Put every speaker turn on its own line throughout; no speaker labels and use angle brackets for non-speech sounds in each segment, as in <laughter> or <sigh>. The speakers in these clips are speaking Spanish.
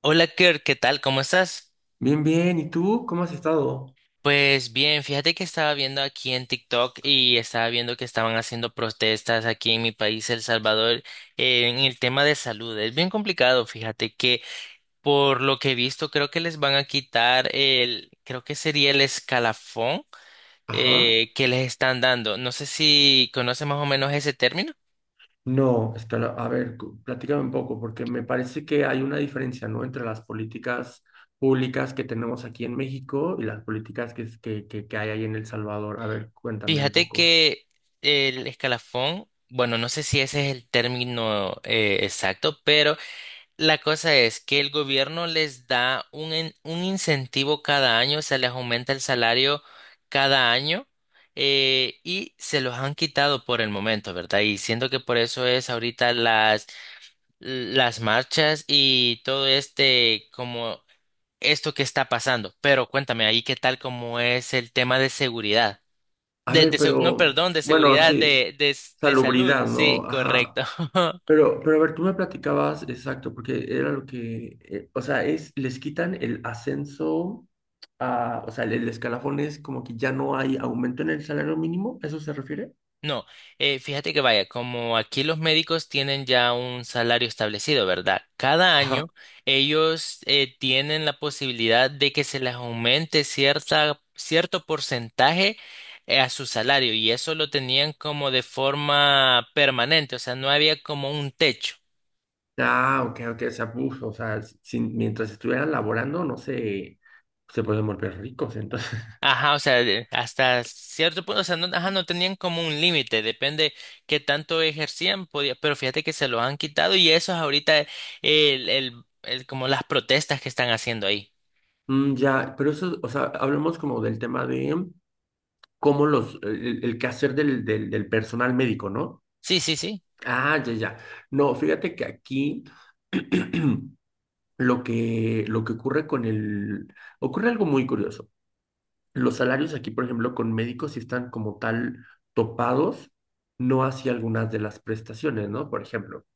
Hola Kirk, ¿qué tal? ¿Cómo estás?
Bien, bien. ¿Y tú cómo has estado?
Pues bien, fíjate que estaba viendo aquí en TikTok y estaba viendo que estaban haciendo protestas aquí en mi país, El Salvador, en el tema de salud. Es bien complicado, fíjate que por lo que he visto creo que les van a quitar el, creo que sería el escalafón
Ajá.
que les están dando. No sé si conoces más o menos ese término.
No, espera, a ver, platícame un poco, porque me parece que hay una diferencia, ¿no? Entre las políticas públicas que tenemos aquí en México y las políticas que, es- que hay ahí en El Salvador. A ver, cuéntame un
Fíjate
poco.
que el escalafón, bueno, no sé si ese es el término exacto, pero. La cosa es que el gobierno les da un incentivo cada año, se les aumenta el salario cada año y se los han quitado por el momento, ¿verdad? Y siento que por eso es ahorita las marchas y todo este, como esto que está pasando. Pero cuéntame ahí qué tal como es el tema de seguridad.
A
De,
ver,
de se- no,
pero,
perdón, de
bueno,
seguridad,
sí,
de salud.
salubridad, ¿no?
Sí,
Ajá.
correcto. <laughs>
Pero a ver, tú me platicabas, exacto, porque era lo que, o sea, les quitan el ascenso o sea, el escalafón es como que ya no hay aumento en el salario mínimo, ¿a eso se refiere?
No, fíjate que vaya, como aquí los médicos tienen ya un salario establecido, ¿verdad? Cada
Ajá.
año ellos tienen la posibilidad de que se les aumente cierto porcentaje a su salario y eso lo tenían como de forma permanente, o sea, no había como un techo.
Ah, ok, ok, o sea, uf, o sea, mientras estuvieran laborando, no sé, se pueden volver ricos, entonces. <laughs>
Ajá, o sea, hasta cierto punto, o sea, no, ajá, no tenían como un límite, depende qué tanto ejercían, podía, pero fíjate que se lo han quitado y eso es ahorita como las protestas que están haciendo ahí.
Mm, ya, pero eso, o sea, hablemos como del tema de cómo el quehacer del personal médico, ¿no?
Sí, sí, sí,
Ah, ya, ya. No, fíjate que aquí <clears throat> lo que ocurre con el. Ocurre algo muy curioso. Los salarios aquí, por ejemplo, con médicos sí están como tal topados, no hacia algunas de las prestaciones, ¿no? Por ejemplo,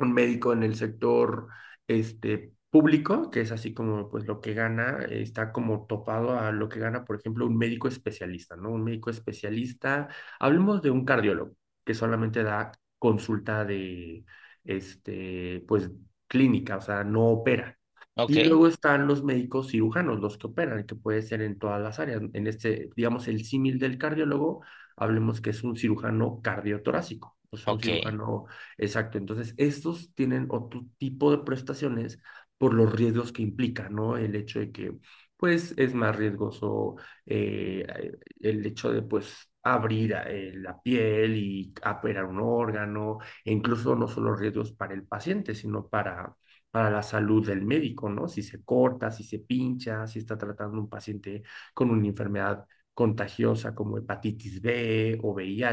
un médico en el sector público, que es así como pues lo que gana, está como topado a lo que gana, por ejemplo, un médico especialista, ¿no? Un médico especialista, hablemos de un cardiólogo que solamente da consulta de, pues clínica, o sea, no opera.
ok,
Y luego están los médicos cirujanos, los que operan, que puede ser en todas las áreas. En este, digamos, el símil del cardiólogo, hablemos que es un cirujano cardiotorácico, o sea, un
ok.
cirujano. Exacto, entonces estos tienen otro tipo de prestaciones por los riesgos que implica, ¿no? El hecho de que, pues, es más riesgoso eh, el hecho de, pues, abrir la piel y operar un órgano, e incluso no solo riesgos para el paciente, sino para la salud del médico, ¿no? Si se corta, si se pincha, si está tratando un paciente con una enfermedad contagiosa como hepatitis B o VIH,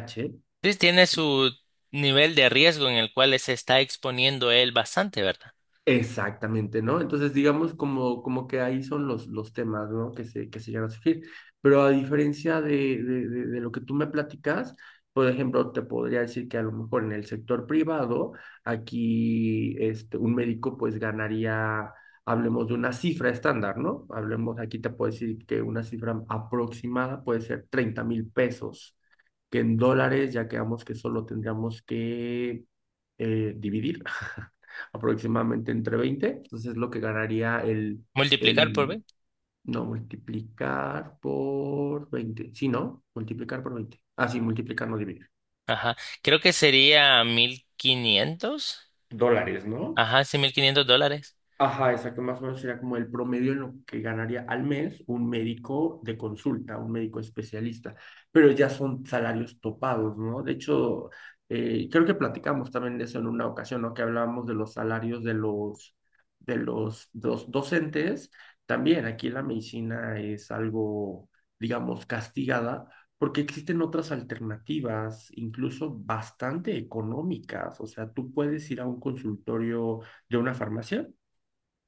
Entonces tiene su nivel de riesgo en el cual se está exponiendo él bastante, ¿verdad?
Exactamente, ¿no? Entonces, digamos como que ahí son los temas, ¿no? Que se llegan a surgir. Pero a diferencia de lo que tú me platicas, por ejemplo, te podría decir que a lo mejor en el sector privado, aquí un médico pues ganaría, hablemos de una cifra estándar, ¿no? Hablemos, aquí te puedo decir que una cifra aproximada puede ser 30,000 pesos, que en dólares ya quedamos que solo tendríamos que dividir. <laughs> Aproximadamente entre veinte. Entonces, lo que ganaría
Multiplicar por
el,
B.
no, multiplicar por veinte. Sí, ¿no? Multiplicar por veinte. Ah, sí, multiplicar, no dividir.
Ajá, creo que sería 1500,
Dólares, ¿no?
Ajá, sí, $1500.
Ajá, exacto, más o menos sería como el promedio en lo que ganaría al mes un médico de consulta, un médico especialista, pero ya son salarios topados, ¿no? De hecho, creo que platicamos también de eso en una ocasión, ¿no? Que hablábamos de los salarios de los, de los dos docentes. También aquí la medicina es algo, digamos, castigada porque existen otras alternativas, incluso bastante económicas. O sea, tú puedes ir a un consultorio de una farmacia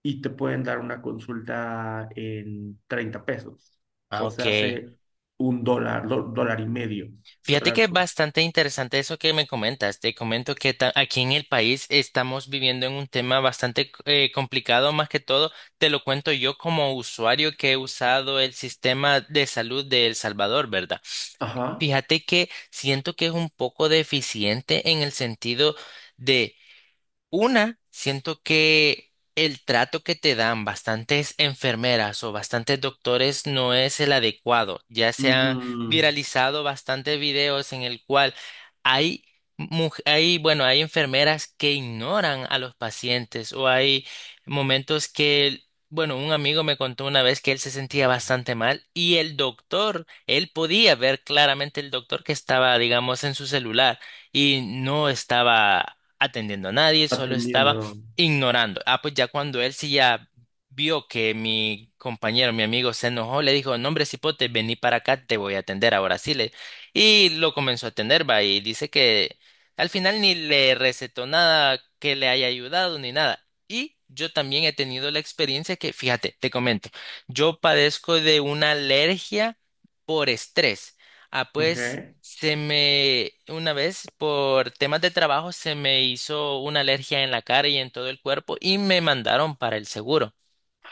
y te pueden dar una consulta en 30 pesos.
Ah,
O
ok.
sea, hace un dólar, dólar y medio.
Fíjate que
Dólar.
es bastante interesante eso que me comentas. Te comento que aquí en el país estamos viviendo en un tema bastante complicado, más que todo te lo cuento yo como usuario que he usado el sistema de salud de El Salvador, ¿verdad?
Ajá.
Fíjate que siento que es un poco deficiente en el sentido de siento que el trato que te dan bastantes enfermeras o bastantes doctores no es el adecuado. Ya se han
Ujú.
viralizado bastantes videos en el cual hay, bueno, hay enfermeras que ignoran a los pacientes o hay momentos que, bueno, un amigo me contó una vez que él se sentía bastante mal y el doctor, él podía ver claramente el doctor que estaba, digamos, en su celular y no estaba atendiendo a nadie, solo estaba
Atendiendo.
ignorando. Ah, pues ya cuando él sí ya vio que mi compañero, mi amigo, se enojó, le dijo, no, hombre, cipote, vení para acá, te voy a atender ahora sí. Le... Y lo comenzó a atender, va, y dice que al final ni le recetó nada que le haya ayudado ni nada. Y yo también he tenido la experiencia que, fíjate, te comento, yo padezco de una alergia por estrés. Ah,
Ok.
pues una vez por temas de trabajo se me hizo una alergia en la cara y en todo el cuerpo y me mandaron para el seguro.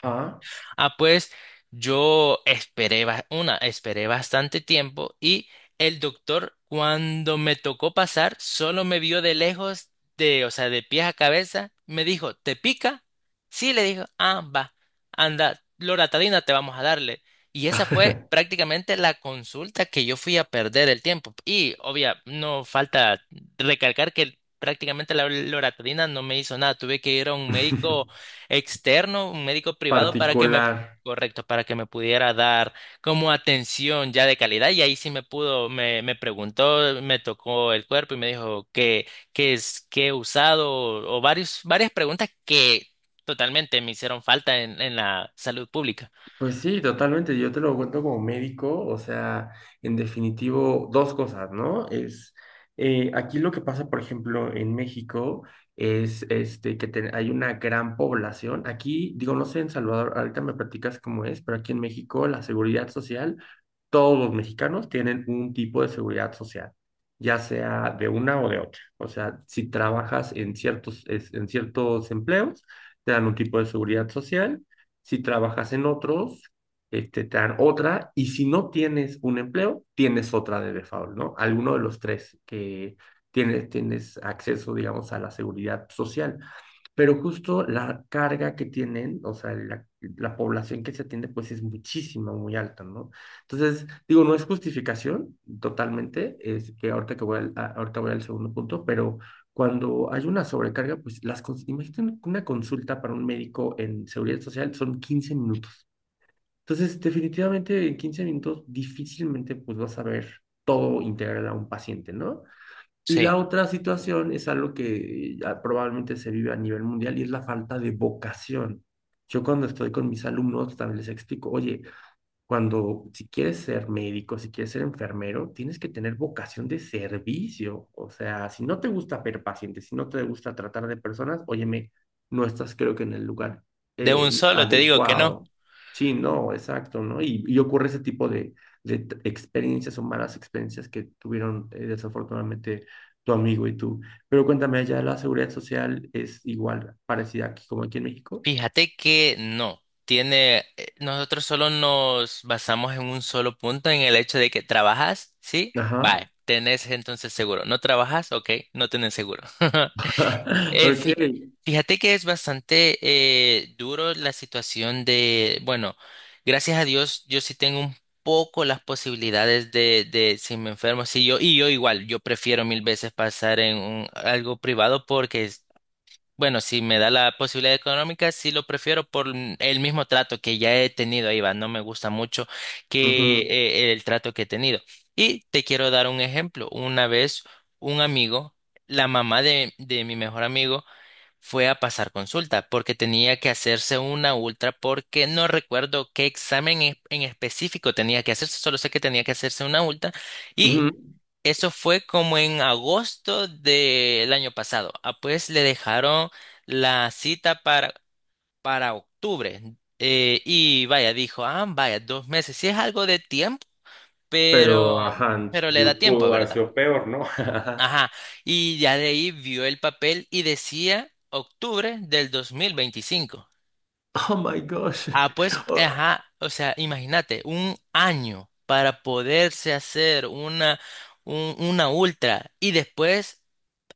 Ajá.
Ah, pues yo esperé bastante tiempo y el doctor cuando me tocó pasar solo me vio de lejos, o sea, de pies a cabeza, me dijo, ¿te pica? Sí, le dijo, ah, va, anda, loratadina te vamos a darle. Y esa fue
<laughs>
prácticamente la consulta que yo fui a perder el tiempo. Y obvia, no falta recalcar que prácticamente la loratadina no me hizo nada. Tuve que ir a un médico externo, un médico privado, para que me
Particular.
correcto, para que me pudiera dar como atención ya de calidad y ahí sí me pudo, me preguntó, me tocó el cuerpo y me dijo qué es, qué he usado o varias preguntas que totalmente me hicieron falta en la salud pública.
Pues sí, totalmente. Yo te lo cuento como médico, o sea, en definitivo, dos cosas, ¿no? Es aquí lo que pasa, por ejemplo, en México es este que te- hay una gran población. Aquí, digo, no sé en Salvador, ahorita me platicas cómo es, pero aquí en México la seguridad social, todos los mexicanos tienen un tipo de seguridad social, ya sea de una o de otra. O sea, si trabajas en ciertos empleos, te dan un tipo de seguridad social. Si trabajas en otros, te dan otra, y si no tienes un empleo, tienes otra de default, ¿no? Alguno de los tres que tienes acceso, digamos, a la seguridad social. Pero justo la carga que tienen, o sea, la población que se atiende, pues es muchísima, muy alta, ¿no? Entonces, digo, no es justificación totalmente, es que ahorita voy al segundo punto, pero cuando hay una sobrecarga, pues las imagínate una consulta para un médico en seguridad social son 15 minutos. Entonces, definitivamente en 15 minutos difícilmente pues vas a ver todo integral a un paciente, ¿no? Y la
Sí,
otra situación es algo que ya probablemente se vive a nivel mundial y es la falta de vocación. Yo cuando estoy con mis alumnos también les explico, oye, si quieres ser médico, si quieres ser enfermero, tienes que tener vocación de servicio. O sea, si no te gusta ver pacientes, si no te gusta tratar de personas, óyeme, no estás creo que en el lugar
de un solo te digo que no.
adecuado. Sí, no, exacto, ¿no? Y ocurre ese tipo de experiencias o malas experiencias que tuvieron desafortunadamente tu amigo y tú. Pero cuéntame, allá la seguridad social es igual, parecida aquí como aquí en México.
Fíjate que no. Nosotros solo nos basamos en un solo punto, en el hecho de que trabajas, ¿sí?
Ajá.
Vale, tenés entonces seguro. ¿No trabajas? Ok, no tenés seguro. <laughs>
<laughs>
Eh,
Ok.
fí- fíjate que es bastante duro la situación bueno, gracias a Dios yo sí tengo un poco las posibilidades de, si me enfermo, si yo, y yo igual, yo prefiero mil veces pasar en algo privado porque, bueno, si me da la posibilidad económica, sí lo prefiero por el mismo trato que ya he tenido, ahí va, no me gusta mucho que
Ujú,
el trato que he tenido. Y te quiero dar un ejemplo. Una vez un amigo, la mamá de mi mejor amigo, fue a pasar consulta porque tenía que hacerse una ultra porque no recuerdo qué examen en específico tenía que hacerse, solo sé que tenía que hacerse una ultra y
ujú.
eso fue como en agosto del año pasado. Ah, pues le dejaron la cita para octubre y vaya, dijo, ah, vaya, 2 meses, sí es algo de tiempo,
Pero
pero,
ajá,
pero le da
yo
tiempo,
pudo haber
¿verdad?
sido peor, ¿no? <laughs>
Ajá, y ya de ahí vio el papel y decía octubre del 2025.
Oh my gosh.
Ah, pues,
Oh,
ajá, o sea, imagínate, un año para poderse hacer una, una ultra y después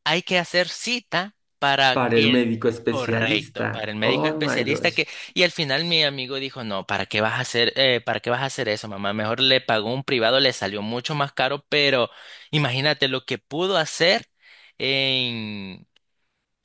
hay que hacer cita para
para el
que el,
médico
correcto, para
especialista.
el médico
Oh my
especialista que,
gosh.
y al final mi amigo dijo, no, ¿para qué vas a hacer, para qué vas a hacer eso, mamá? Mejor le pagó un privado, le salió mucho más caro, pero imagínate lo que pudo hacer en,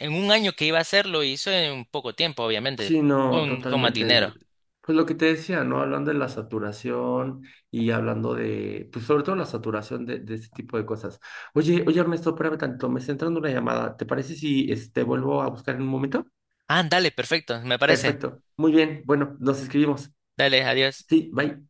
un año que iba a hacer, lo hizo en poco tiempo, obviamente,
Sí, no,
con, más
totalmente.
dinero.
Pues lo que te decía, ¿no? Hablando de la saturación y hablando de, pues sobre todo la saturación de este tipo de cosas. Oye, oye Ernesto, espérame tanto, me está entrando una llamada. ¿Te parece si vuelvo a buscar en un momento?
Ah, dale, perfecto, me parece.
Perfecto. Muy bien. Bueno, nos escribimos.
Dale, adiós.
Sí, bye.